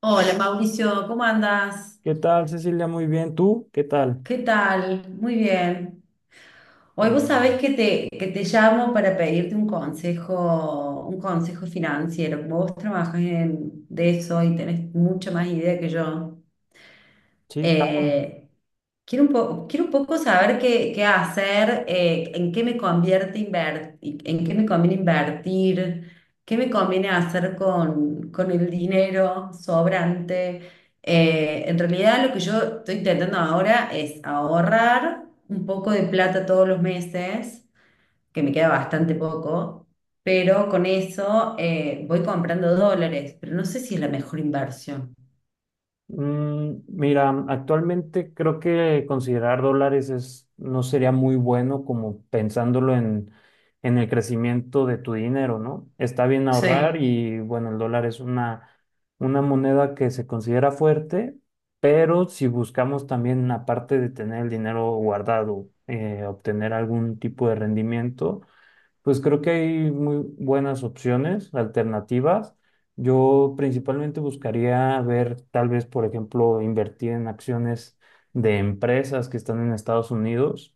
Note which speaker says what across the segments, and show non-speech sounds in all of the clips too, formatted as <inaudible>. Speaker 1: Hola Mauricio, ¿cómo andas?
Speaker 2: ¿Qué tal, Cecilia? Muy bien. ¿Tú? ¿Qué tal?
Speaker 1: ¿Qué tal? Muy bien.
Speaker 2: Qué
Speaker 1: Hoy vos
Speaker 2: bueno.
Speaker 1: sabés que te llamo para pedirte un consejo financiero. Como vos trabajas de eso y tenés mucha más idea que yo,
Speaker 2: Sí, claro.
Speaker 1: eh, quiero un poco saber qué hacer, en qué me conviene invertir, qué me conviene hacer con el dinero sobrante. En realidad lo que yo estoy intentando ahora es ahorrar un poco de plata todos los meses, que me queda bastante poco, pero con eso voy comprando dólares, pero no sé si es la mejor inversión.
Speaker 2: Mira, actualmente creo que considerar dólares es, no sería muy bueno como pensándolo en el crecimiento de tu dinero, ¿no? Está bien ahorrar
Speaker 1: Sí.
Speaker 2: y bueno, el dólar es una moneda que se considera fuerte, pero si buscamos también, aparte de tener el dinero guardado, obtener algún tipo de rendimiento. Pues creo que hay muy buenas opciones, alternativas. Yo principalmente buscaría ver, tal vez, por ejemplo, invertir en acciones de empresas que están en Estados Unidos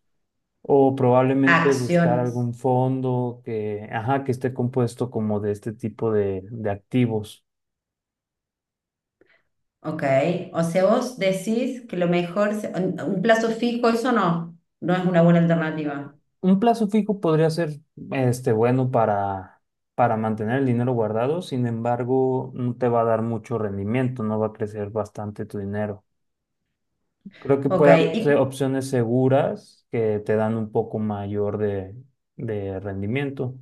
Speaker 2: o probablemente buscar
Speaker 1: Acciones,
Speaker 2: algún fondo que, ajá, que esté compuesto como de este tipo de, activos.
Speaker 1: ¿ok? O sea, vos decís que lo mejor, un plazo fijo, eso no, no es una buena alternativa.
Speaker 2: Un plazo fijo podría ser, este, bueno para mantener el dinero guardado. Sin embargo, no te va a dar mucho rendimiento, no va a crecer bastante tu dinero. Creo que
Speaker 1: Ok,
Speaker 2: puede haber
Speaker 1: ¿y
Speaker 2: opciones seguras que te dan un poco mayor de, rendimiento.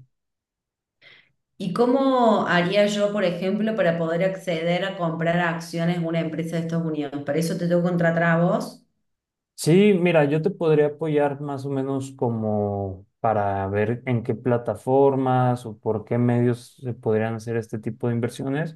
Speaker 1: ¿y cómo haría yo, por ejemplo, para poder acceder a comprar acciones de una empresa de Estados Unidos? ¿Para eso te tengo que contratar a vos?
Speaker 2: Sí, mira, yo te podría apoyar más o menos como para ver en qué plataformas o por qué medios se podrían hacer este tipo de inversiones.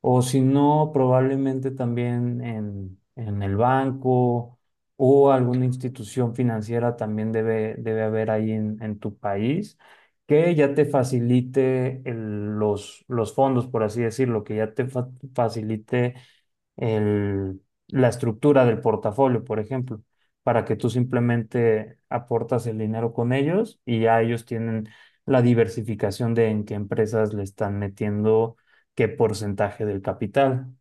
Speaker 2: O si no, probablemente también en, el banco o alguna institución financiera también debe haber ahí en tu país que ya te facilite los fondos, por así decirlo, que ya te facilite el- la estructura del portafolio, por ejemplo, para que tú simplemente aportas el dinero con ellos y ya ellos tienen la diversificación de en qué empresas le están metiendo qué porcentaje del capital.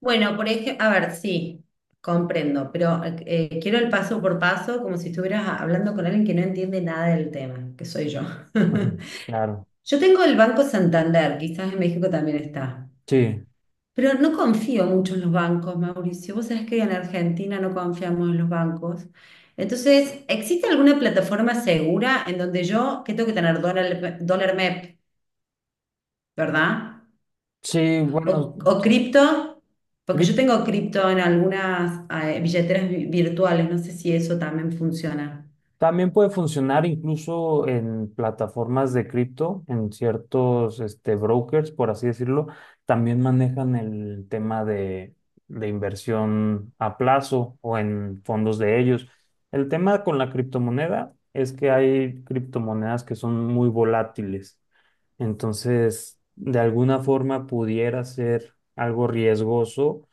Speaker 1: Bueno, por ejemplo, a ver, sí, comprendo, pero quiero el paso por paso, como si estuvieras hablando con alguien que no entiende nada del tema, que soy yo.
Speaker 2: Ujú.
Speaker 1: <laughs>
Speaker 2: Claro.
Speaker 1: Yo tengo el Banco Santander, quizás en México también está.
Speaker 2: Sí,
Speaker 1: Pero no confío mucho en los bancos, Mauricio. Vos sabés que en Argentina no confiamos en los bancos. Entonces, ¿existe alguna plataforma segura en donde yo, que tengo que tener dólar MEP, ¿verdad?
Speaker 2: sí,
Speaker 1: O,
Speaker 2: bueno,
Speaker 1: o cripto, porque yo tengo cripto en algunas billeteras virtuales, no sé si eso también funciona.
Speaker 2: también puede funcionar incluso en plataformas de cripto, en ciertos este, brokers, por así decirlo, también manejan el tema de inversión a plazo o en fondos de ellos. El tema con la criptomoneda es que hay criptomonedas que son muy volátiles, entonces de alguna forma pudiera ser algo riesgoso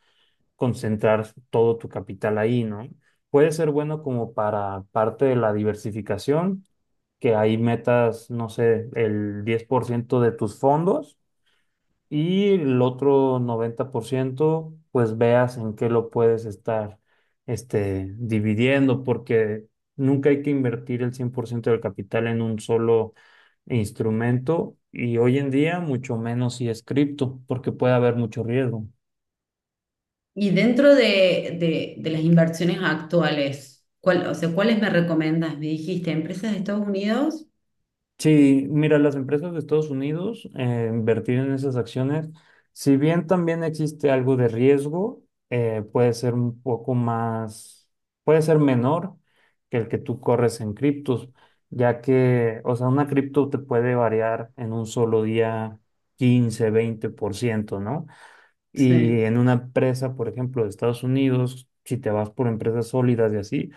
Speaker 2: concentrar todo tu capital ahí, ¿no? Puede ser bueno como para parte de la diversificación, que ahí metas, no sé, el 10% de tus fondos y el otro 90%, pues veas en qué lo puedes estar este, dividiendo, porque nunca hay que invertir el 100% del capital en un solo instrumento y hoy en día mucho menos si es cripto, porque puede haber mucho riesgo.
Speaker 1: Y dentro de las inversiones actuales, o sea, ¿cuáles me recomendas? Me dijiste, ¿empresas de Estados Unidos?
Speaker 2: Sí, mira, las empresas de Estados Unidos, invertir en esas acciones, si bien también existe algo de riesgo, puede ser un poco más, puede ser menor que el que tú corres en criptos, ya que, o sea, una cripto te puede variar en un solo día 15, 20%, ¿no? Y en
Speaker 1: Sí.
Speaker 2: una empresa, por ejemplo, de Estados Unidos, si te vas por empresas sólidas y así,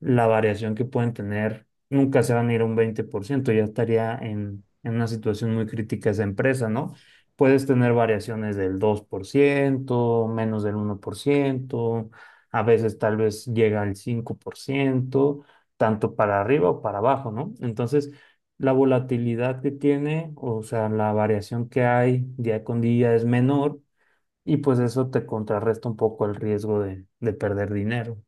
Speaker 2: la variación que pueden tener nunca se van a ir a un 20%, ya estaría en, una situación muy crítica esa empresa, ¿no? Puedes tener variaciones del 2%, menos del 1%, a veces tal vez llega al 5%, tanto para arriba o para abajo, ¿no? Entonces, la volatilidad que tiene, o sea, la variación que hay día con día es menor y pues eso te contrarresta un poco el riesgo de perder dinero.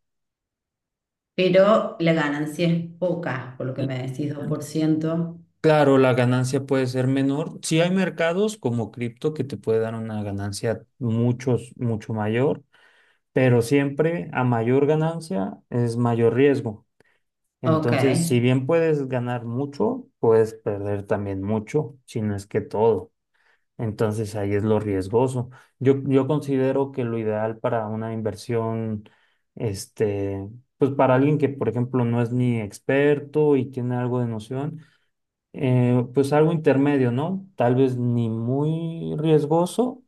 Speaker 1: Pero la ganancia es poca, por lo que
Speaker 2: L-
Speaker 1: me decís, dos por ciento.
Speaker 2: Claro, la ganancia puede ser menor. Sí hay mercados como cripto que te puede dar una ganancia mucho mayor, pero siempre a mayor ganancia es mayor riesgo.
Speaker 1: Ok.
Speaker 2: Entonces, si bien puedes ganar mucho, puedes perder también mucho, si no es que todo. Entonces ahí es lo riesgoso. Yo considero que lo ideal para una inversión, este, pues para alguien que, por ejemplo, no es ni experto y tiene algo de noción, pues algo intermedio, ¿no? Tal vez ni muy riesgoso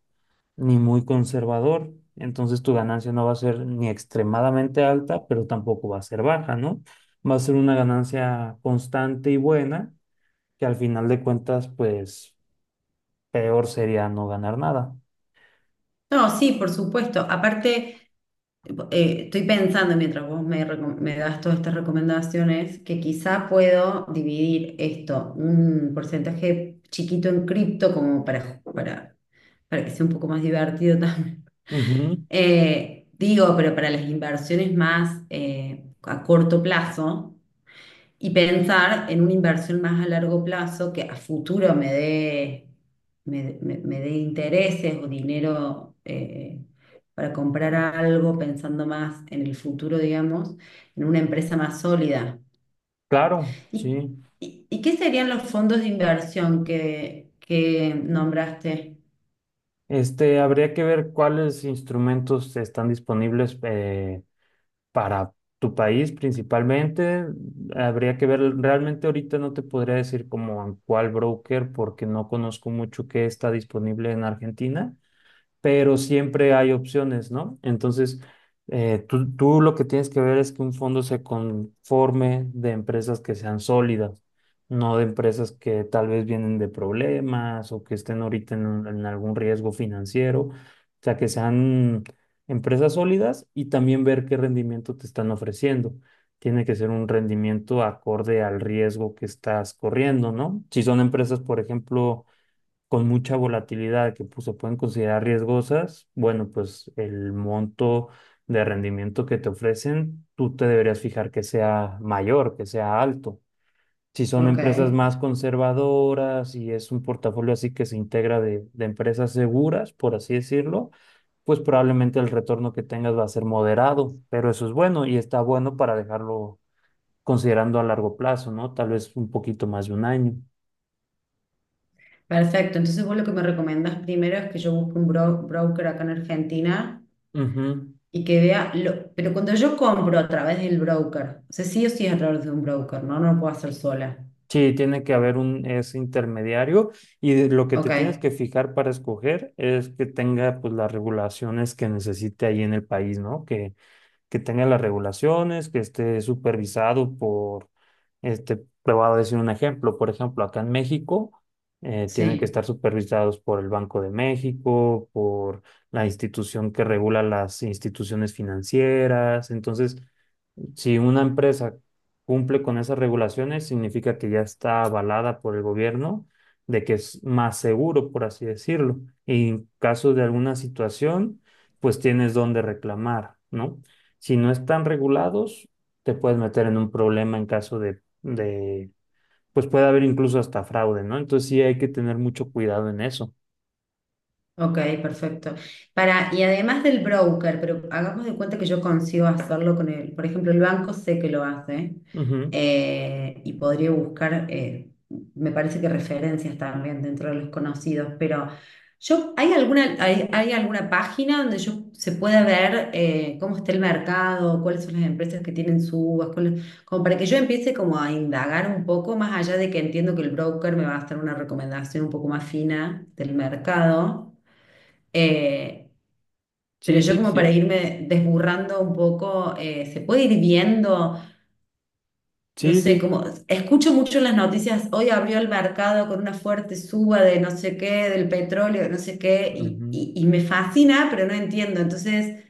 Speaker 2: ni muy conservador. Entonces tu ganancia no va a ser ni extremadamente alta, pero tampoco va a ser baja, ¿no? Va a ser una ganancia constante y buena, que al final de cuentas, pues peor sería no ganar nada.
Speaker 1: No, sí, por supuesto. Aparte, estoy pensando mientras me das todas estas recomendaciones, que quizá puedo dividir esto, un porcentaje chiquito en cripto, como para que sea un poco más divertido <laughs> también.
Speaker 2: Ujú.
Speaker 1: Digo, pero para las inversiones más a corto plazo. Y pensar en una inversión más a largo plazo que a futuro me dé, me dé intereses o dinero para comprar algo, pensando más en el futuro, digamos, en una empresa más sólida.
Speaker 2: Claro,
Speaker 1: ¿Y,
Speaker 2: sí.
Speaker 1: y qué serían los fondos de inversión que nombraste?
Speaker 2: Este, habría que ver cuáles instrumentos están disponibles para tu país principalmente. Habría que ver, realmente ahorita no te podría decir como en cuál broker porque no conozco mucho qué está disponible en Argentina. Pero siempre hay opciones, ¿no? Entonces, tú lo que tienes que ver es que un fondo se conforme de empresas que sean sólidas, no de empresas que tal vez vienen de problemas o que estén ahorita en algún riesgo financiero, o sea, que sean empresas sólidas y también ver qué rendimiento te están ofreciendo. Tiene que ser un rendimiento acorde al riesgo que estás corriendo, ¿no? Si son empresas, por ejemplo, con mucha volatilidad que pues, se pueden considerar riesgosas, bueno, pues el monto de rendimiento que te ofrecen, tú te deberías fijar que sea mayor, que sea alto. Si son
Speaker 1: Ok.
Speaker 2: empresas más conservadoras y es un portafolio así que se integra de empresas seguras, por así decirlo, pues probablemente el retorno que tengas va a ser moderado, pero eso es bueno y está bueno para dejarlo considerando a largo plazo, ¿no? Tal vez un poquito más de un año.
Speaker 1: Perfecto, entonces vos lo que me recomendás primero es que yo busque un broker acá en Argentina
Speaker 2: Ujú.
Speaker 1: y que vea, lo, pero cuando yo compro a través del broker, o sea, sí o sí es a través de un broker, ¿no? No lo puedo hacer sola.
Speaker 2: Sí, tiene que haber un ese intermediario y lo que te
Speaker 1: Ok,
Speaker 2: tienes que fijar para escoger es que tenga pues las regulaciones que necesite ahí en el país, ¿no? Que tenga las regulaciones, que esté supervisado por, este, te voy a decir un ejemplo, por ejemplo, acá en México tienen que
Speaker 1: sí.
Speaker 2: estar supervisados por el Banco de México, por la institución que regula las instituciones financieras. Entonces si una empresa cumple con esas regulaciones, significa que ya está avalada por el gobierno, de que es más seguro, por así decirlo. Y en caso de alguna situación, pues tienes dónde reclamar, ¿no? Si no están regulados, te puedes meter en un problema en caso de, pues puede haber incluso hasta fraude, ¿no? Entonces sí hay que tener mucho cuidado en eso.
Speaker 1: Ok, perfecto. Para, y además del broker, pero hagamos de cuenta que yo consigo hacerlo con él. Por ejemplo, el banco sé que lo hace
Speaker 2: Ujú.
Speaker 1: y podría buscar, me parece que referencias también dentro de los conocidos, pero yo, ¿hay alguna página donde yo se pueda ver cómo está el mercado, cuáles son las empresas que tienen subas, como para que yo empiece como a indagar un poco, más allá de que entiendo que el broker me va a hacer una recomendación un poco más fina del mercado, eh, pero
Speaker 2: Sí,
Speaker 1: yo
Speaker 2: sí,
Speaker 1: como para
Speaker 2: sí.
Speaker 1: irme desburrando un poco, se puede ir viendo, no
Speaker 2: Sí,
Speaker 1: sé,
Speaker 2: sí.
Speaker 1: como escucho mucho en las noticias, hoy abrió el mercado con una fuerte suba de no sé qué, del petróleo, no sé qué,
Speaker 2: Ujú.
Speaker 1: y me fascina, pero no entiendo. Entonces,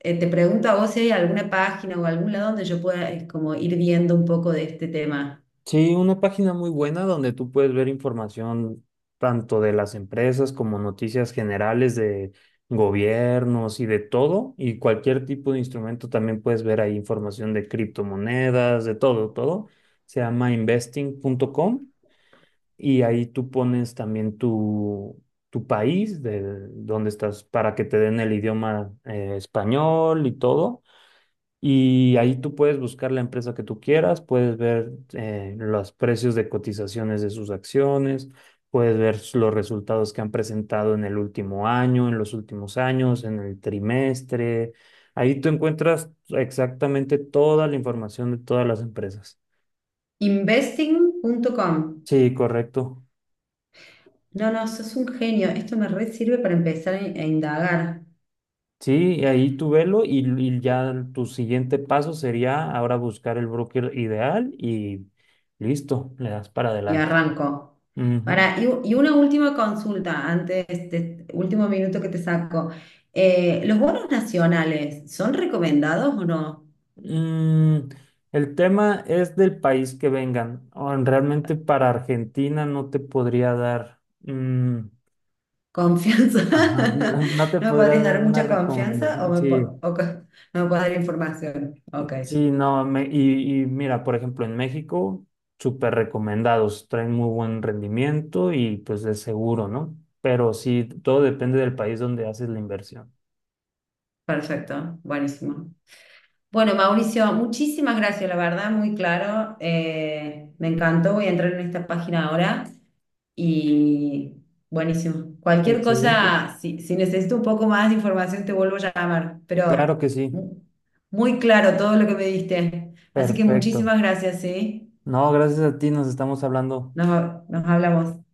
Speaker 1: te pregunto a vos si hay alguna página o algún lado donde yo pueda, como ir viendo un poco de este tema.
Speaker 2: Sí, una página muy buena donde tú puedes ver información tanto de las empresas como noticias generales de gobiernos y de todo, y cualquier tipo de instrumento también puedes ver ahí información de criptomonedas, de todo, todo. Se llama investing.com y ahí tú pones también tu país, de donde estás, para que te den el idioma español y todo. Y ahí tú puedes buscar la empresa que tú quieras, puedes ver los precios de cotizaciones de sus acciones, puedes ver los resultados que han presentado en el último año, en los últimos años, en el trimestre. Ahí tú encuentras exactamente toda la información de todas las empresas.
Speaker 1: Investing.com.
Speaker 2: Sí, correcto.
Speaker 1: No, no, sos un genio. Esto me re sirve para empezar a indagar.
Speaker 2: Sí, y ahí tú velo y ya tu siguiente paso sería ahora buscar el broker ideal y listo, le das para
Speaker 1: Y
Speaker 2: adelante.
Speaker 1: arranco.
Speaker 2: Ujú.
Speaker 1: Para, y una última consulta antes de este último minuto que te saco. ¿Los bonos nacionales son recomendados o no?
Speaker 2: Mm, el tema es del país que vengan. O realmente para Argentina no te podría dar,
Speaker 1: ¿Confianza?
Speaker 2: ajá, no,
Speaker 1: <laughs>
Speaker 2: <laughs> no te
Speaker 1: ¿No me
Speaker 2: podría
Speaker 1: podrías
Speaker 2: dar
Speaker 1: dar
Speaker 2: una
Speaker 1: mucha confianza o,
Speaker 2: recomendación. Sí,
Speaker 1: no me puedes dar información? Ok.
Speaker 2: sí, no. Y mira, por ejemplo, en México, súper recomendados, traen muy buen rendimiento y pues es seguro, ¿no? Pero sí, todo depende del país donde haces la inversión.
Speaker 1: Perfecto, buenísimo. Bueno, Mauricio, muchísimas gracias, la verdad, muy claro. Me encantó, voy a entrar en esta página ahora y buenísimo. Cualquier
Speaker 2: Excelente.
Speaker 1: cosa, si necesito un poco más de información, te vuelvo a llamar,
Speaker 2: Claro que sí.
Speaker 1: muy claro todo lo que me diste. Así que
Speaker 2: Perfecto.
Speaker 1: muchísimas gracias, ¿sí?
Speaker 2: No, gracias a ti, nos estamos hablando.
Speaker 1: Nos hablamos.